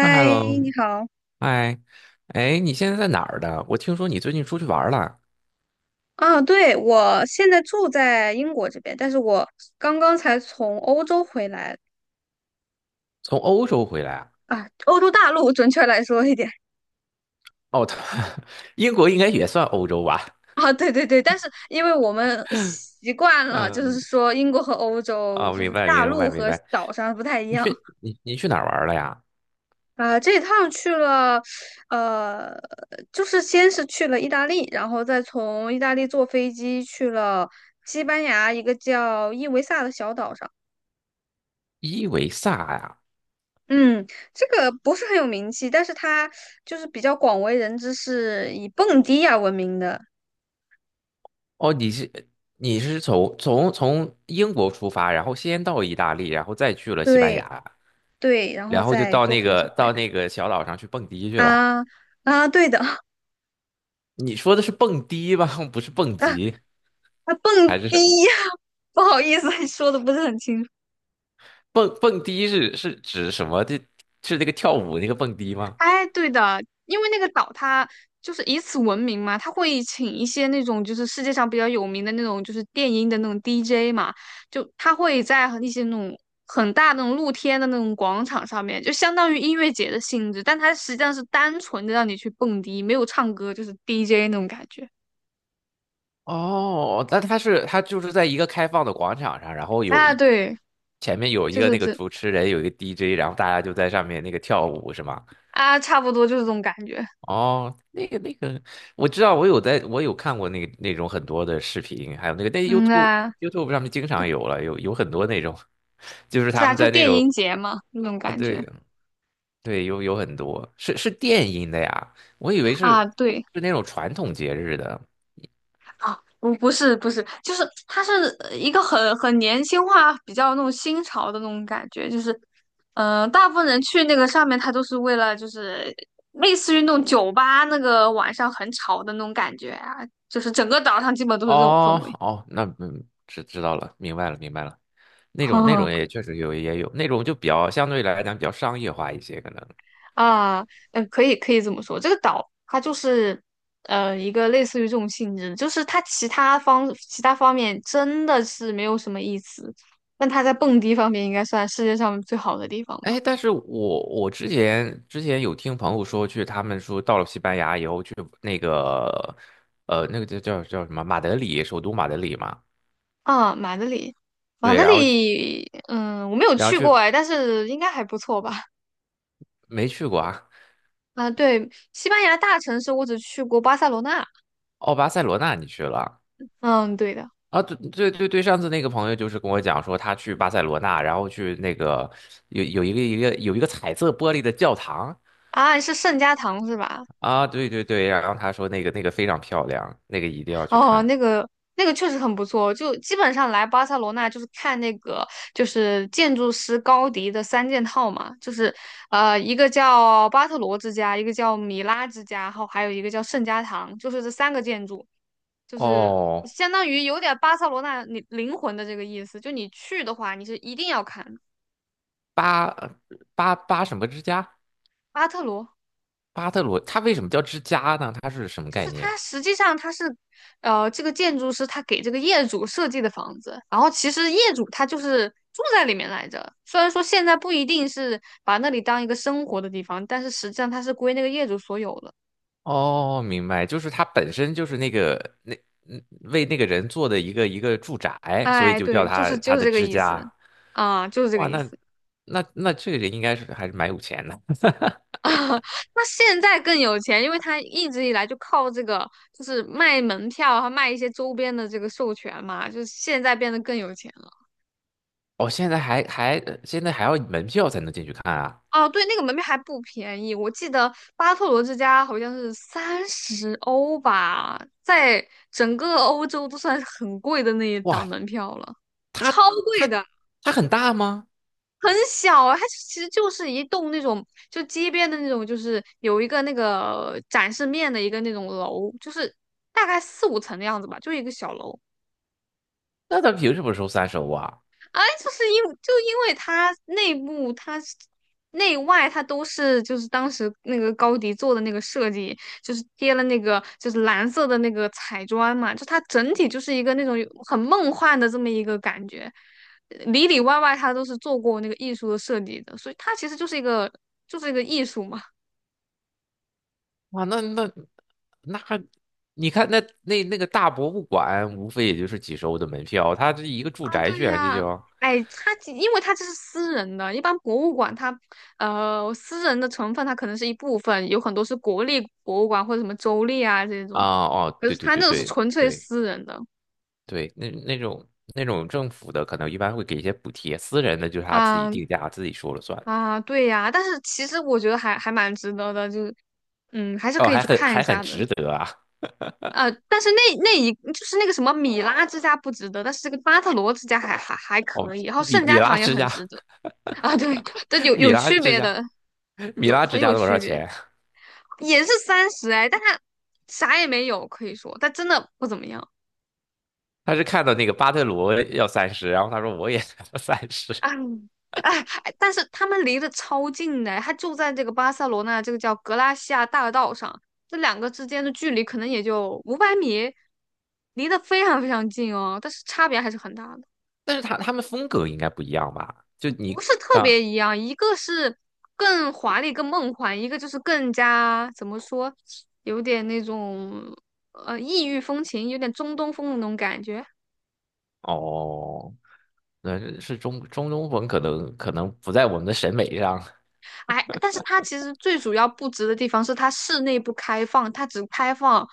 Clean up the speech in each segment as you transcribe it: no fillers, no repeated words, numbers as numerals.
嗨，hello，你好。嗨，哎，你现在在哪儿的？我听说你最近出去玩儿了，啊，对，我现在住在英国这边，但是我刚刚才从欧洲回来从欧洲回来啊？啊，欧洲大陆准确来说一点哦，他 英国应该也算欧洲吧？啊，对对对，但是因为我们习惯了，就嗯，是说英国和欧洲，哦，就明是白，大明陆白，明和白。岛上不太一你样去你你去哪儿玩儿了呀？啊。这一趟去了，呃，就是先是去了意大利，然后再从意大利坐飞机去了西班牙一个叫伊维萨的小岛上。伊维萨呀？嗯，这个不是很有名气，但是他就是比较广为人知，是以蹦迪呀闻名的。哦，你是从英国出发，然后先到意大利，然后再去了西班对牙，对，然后然后就再到坐那飞机个回到那个小岛上去蹦迪去来了。啊啊，对的 啊你说的是蹦迪吧？不是蹦极啊，蹦还是迪，什么？不好意思，说的不是很清楚。蹦迪是指什么？这是那个跳舞那个蹦迪吗？哎，对的，因为那个岛它就是以此闻名嘛，它会请一些那种就是世界上比较有名的那种就是电音的那种 DJ 嘛，就他会在和一些那种很大的那种露天的那种广场上面，就相当于音乐节的性质，但它实际上是单纯的让你去蹦迪，没有唱歌，就是 DJ 那种感觉。哦，那它是它就是在一个开放的广场上，然后啊，对，前面有一就个是那个这主持人，有一个 DJ，然后大家就在上面那个跳舞是吗？啊，差不多就是这种感觉。哦，我知道，我有看过那个那种很多的视频，还有那个那 嗯 YouTube 啊，YouTube 上面经常有了，有很多那种，就是对他啊，们就在那电种音节嘛，那种啊，感觉对对，有很多是电音的呀，我以为啊，是对。是那种传统节日的，啊，不是不是，就是它是一个很年轻化、比较那种新潮的那种感觉，就是，嗯、大部分人去那个上面，他都是为了就是类似于那种酒吧那个晚上很吵的那种感觉啊，就是整个岛上基本都是这种氛哦围。哦，那知道了，明白了，明白了。那种也 确实有也有那种就比较相对来讲比较商业化一些可能。啊，嗯，可以可以这么说，这个岛它就是一个类似于这种性质，就是它其他方面真的是没有什么意思，但它在蹦迪方面应该算世界上最好的地方吧。哎，但是我之前有听朋友说去，他们说到了西班牙以后去那个那个叫什么马德里，首都马德里嘛。啊，马德里，马对，德然后里，嗯，我没有然后去过去哎，但是应该还不错吧？没去过啊？啊，对，西班牙大城市我只去过巴塞罗那，哦，巴塞罗那你去了啊？嗯，对的，啊，对对对对，上次那个朋友就是跟我讲说，他去巴塞罗那，然后去那个有一个彩色玻璃的教堂啊，是圣家堂是吧？啊，对对对，然后他说那个非常漂亮，那个一定要去哦，看。那个确实很不错，就基本上来巴塞罗那就是看那个就是建筑师高迪的三件套嘛，就是一个叫巴特罗之家，一个叫米拉之家，然后还有一个叫圣家堂，就是这三个建筑，就是哦，相当于有点巴塞罗那你灵魂的这个意思，就你去的话，你是一定要看的巴巴什么之家？巴特罗。巴特罗，他为什么叫之家呢？他是什么就概是念？它实际上它是，这个建筑师他给这个业主设计的房子，然后其实业主他就是住在里面来着。虽然说现在不一定是把那里当一个生活的地方，但是实际上它是归那个业主所有的。哦，明白，就是他本身就是那个那嗯为那个人做的一个住宅，所以哎，就叫对，就他是就他是的这个之意思，家。啊、就是这个哇，意那思。那那这个人应该是还是蛮有钱的。啊，那现在更有钱，因为他一直以来就靠这个，就是卖门票和卖一些周边的这个授权嘛，就是现在变得更有钱。哦，现在还要门票才能进去看啊！哦，对，那个门票还不便宜，我记得巴特罗之家好像是三十欧吧，在整个欧洲都算是很贵的那一档哇，门票了，超它贵它的，它很大吗？很小啊，它其实就是一栋那种就街边的那种，就是有一个那个展示面的一个那种楼，就是大概四五层的样子吧，就一个小楼，那它凭什么收三十欧啊？哎，因为它内部、它是内外它都是就是当时那个高迪做的那个设计，就是贴了那个就是蓝色的那个彩砖嘛，就它整体就是一个那种有很梦幻的这么一个感觉，里里外外它都是做过那个艺术的设计的，所以它其实就是一个艺术嘛。哇，那那那，你看那个大博物馆，无非也就是几十欧的门票，它这一个住啊，宅对居然这呀、就哎，因为它这是私人的，一般博物馆它，私人的成分它可能是一部分，有很多是国立博物馆或者什么州立啊这种，啊哦，可对是对它对那个是对纯粹对私人的，对，那那种政府的可能一般会给一些补贴，私人的就是他自己啊定价，自己说了算。啊，对呀、但是其实我觉得还蛮值得的，就是嗯，还是哦，可以还去很看一还很下的，值得啊！但是那一就是那个什么米拉之家不值得，但是这个巴特罗之家还哦，可以，然后米圣米家拉堂也之很家，值得。啊，对，这 有米有拉区之别家。的，米拉很只加有了多少区别，钱？也是三十哎，但他啥也没有，可以说他真的不怎么样。他是看到那个巴特罗要三十，然后他说我也要三十，哎哎，哎但是他们离得超近的，他就在这个巴塞罗那这个叫格拉西亚大道上，这两个之间的距离可能也就500米，离得非常非常近哦，但是差别还是很大的。但是他们风格应该不一样吧？就你不是特刚别一样，一个是更华丽、更梦幻，一个就是更加怎么说，有点那种异域风情，有点中东风的那种感觉。哦，那是中东风，可能不在我们的审美上，哎，但是它其实最主要不值的地方是它室内不开放，它只开放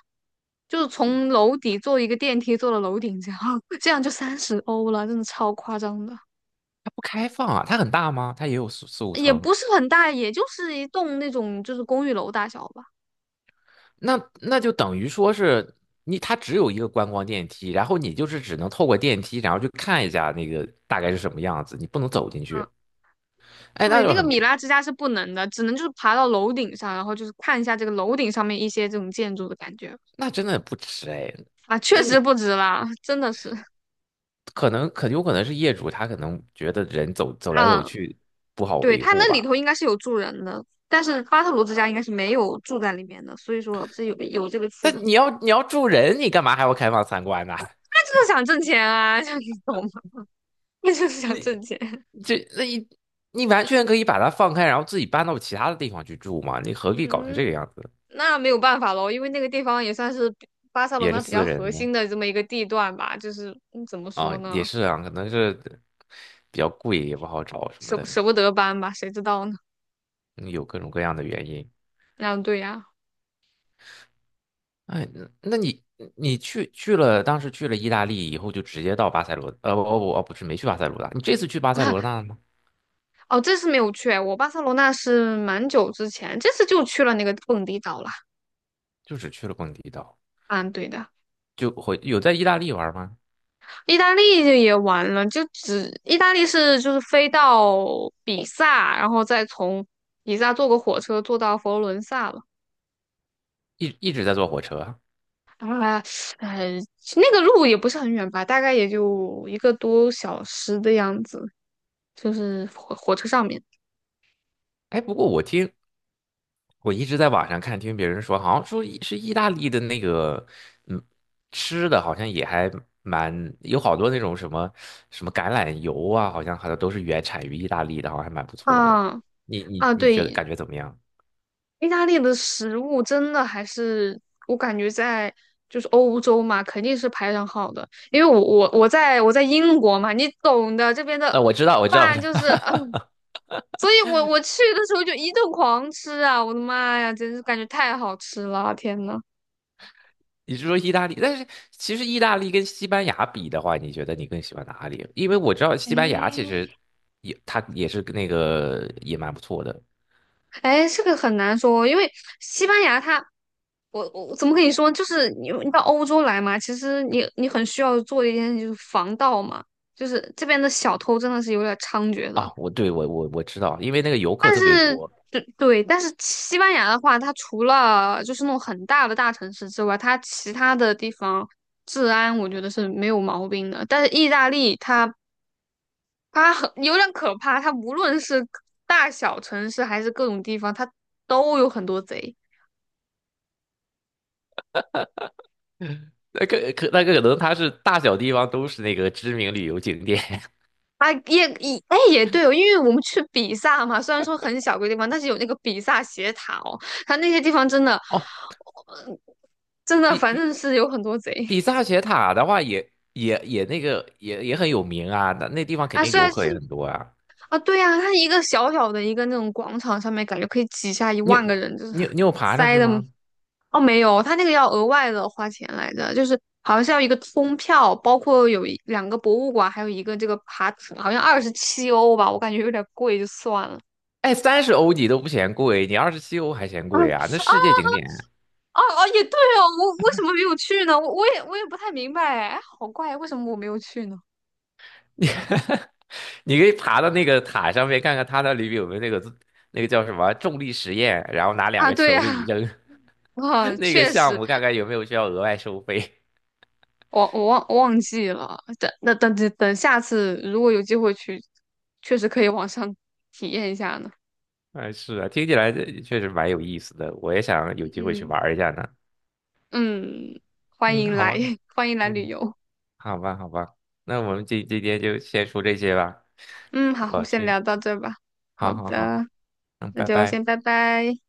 就是从楼底坐一个电梯坐到楼顶这样，这样就30欧了，真的超夸张的，它不开放啊，它很大吗？它也有四五也层，不是很大，也就是一栋那种就是公寓楼大小吧。那就等于说是你它只有一个观光电梯，然后你就是只能透过电梯，然后去看一下那个大概是什么样子，你不能走进嗯。去，哎，那对，那就个很米拉之家是不能的，只能就是爬到楼顶上，然后就是看一下这个楼顶上面一些这种建筑的感觉那真的不值哎。啊，确那实你不值啦，真的是。可能很有可能是业主他可能觉得人走走来走嗯，去不好对，维它护那里吧。头应该是有住人的，但是巴特罗之家应该是没有住在里面的，所以说是有这个区但别。你要住人，你干嘛还要开放参观呢？他就是想挣钱啊，像你懂吗？那就是 想你挣钱。这那你你完全可以把它放开，然后自己搬到其他的地方去住嘛。你何必搞成这个嗯，样子？那没有办法喽，因为那个地方也算是比巴塞罗也是那比较私核人呢心的这么一个地段吧，就是嗯，怎么啊，说也呢，是啊，可能是比较贵，也不好找什么舍的，舍不得搬吧，谁知道呢？嗯，有各种各样的原因。啊，对呀。哎，那你去了，当时去了意大利以后，就直接到巴塞罗，不不不，不是没去巴塞罗那，你这次去巴塞罗那了吗？哦，这次没有去哎，我巴塞罗那是蛮久之前，这次就去了那个蹦迪岛了。就只去了蹦迪岛，嗯，对的，有在意大利玩吗？意大利就也玩了，就只意大利是就是飞到比萨，然后再从比萨坐个火车坐到佛罗伦萨了。一直在坐火车啊。啊，呃，那个路也不是很远吧，大概也就一个多小时的样子，就是火车上面。哎，不过我一直在网上看，听别人说，好像说意大利的那个，嗯，吃的好像也还蛮有好多那种什么什么橄榄油啊，好像都是原产于意大利的，好像还蛮不错的。啊你你啊，你觉得对，感觉怎么样？意大利的食物真的还是我感觉在就是欧洲嘛，肯定是排上号的。因为我在英国嘛，你懂的，这边的那我知道，我知道，我饭知道，就是，嗯，所以我去的时候就一顿狂吃啊！我的妈呀，真是感觉太好吃了，天呐！你是说意大利？但是其实意大利跟西班牙比的话，你觉得你更喜欢哪里？因为我知道西班牙其哎实也，它也是那个也蛮不错的哎，这个很难说，因为西班牙它我怎么跟你说？就是你到欧洲来嘛，其实你很需要做的一件事就是防盗嘛，就是这边的小偷真的是有点猖獗的。啊。我对我我我知道，因为那个游客但特别是多，对对，但是西班牙的话，它除了就是那种很大的大城市之外，它其他的地方治安我觉得是没有毛病的。但是意大利它很有点可怕，它无论是大小城市还是各种地方，它都有很多贼。那个可能它是大小地方都是那个知名旅游景点 啊，哎也对哦，因为我们去比萨嘛，虽然说很小个地方，但是有那个比萨斜塔哦，它那些地方真的，哦。真的比反比正是有很多贼比萨斜塔的话也，很有名啊，那地方肯啊。定虽游然客是也很多啊。啊，对呀、它一个小小的一个那种广场上面，感觉可以挤下一你有万个人，就是你有爬上塞去的。吗？哦，没有，它那个要额外的花钱来着，就是好像是要一个通票，包括有一两个博物馆，还有一个这个爬，好像27欧吧，我感觉有点贵，就算了。哎，三十欧你都不嫌贵，你27欧还嫌啊贵啊？那世界啊！景点，哦哦，也对哦，我为什么没有去呢？我也不太明白哎，好怪，为什么我没有去呢？你你可以爬到那个塔上面看看它那里面有没有那个叫什么重力实验，然后拿两啊，个对球给你呀、扔，哇，那个确项实，目看看有没有需要额外收费。我忘记了。等那等等等下次如果有机会去，确实可以网上体验一下呢。哎，是啊，听起来这确实蛮有意思的，我也想有机会去嗯玩一下呢。嗯，欢嗯，迎好来，吧，欢迎来旅嗯，游。好吧，好吧，那我们今天就先说这些吧。嗯，好，我我先去，聊到这吧。好好好好，的，嗯，那拜就拜。先拜拜。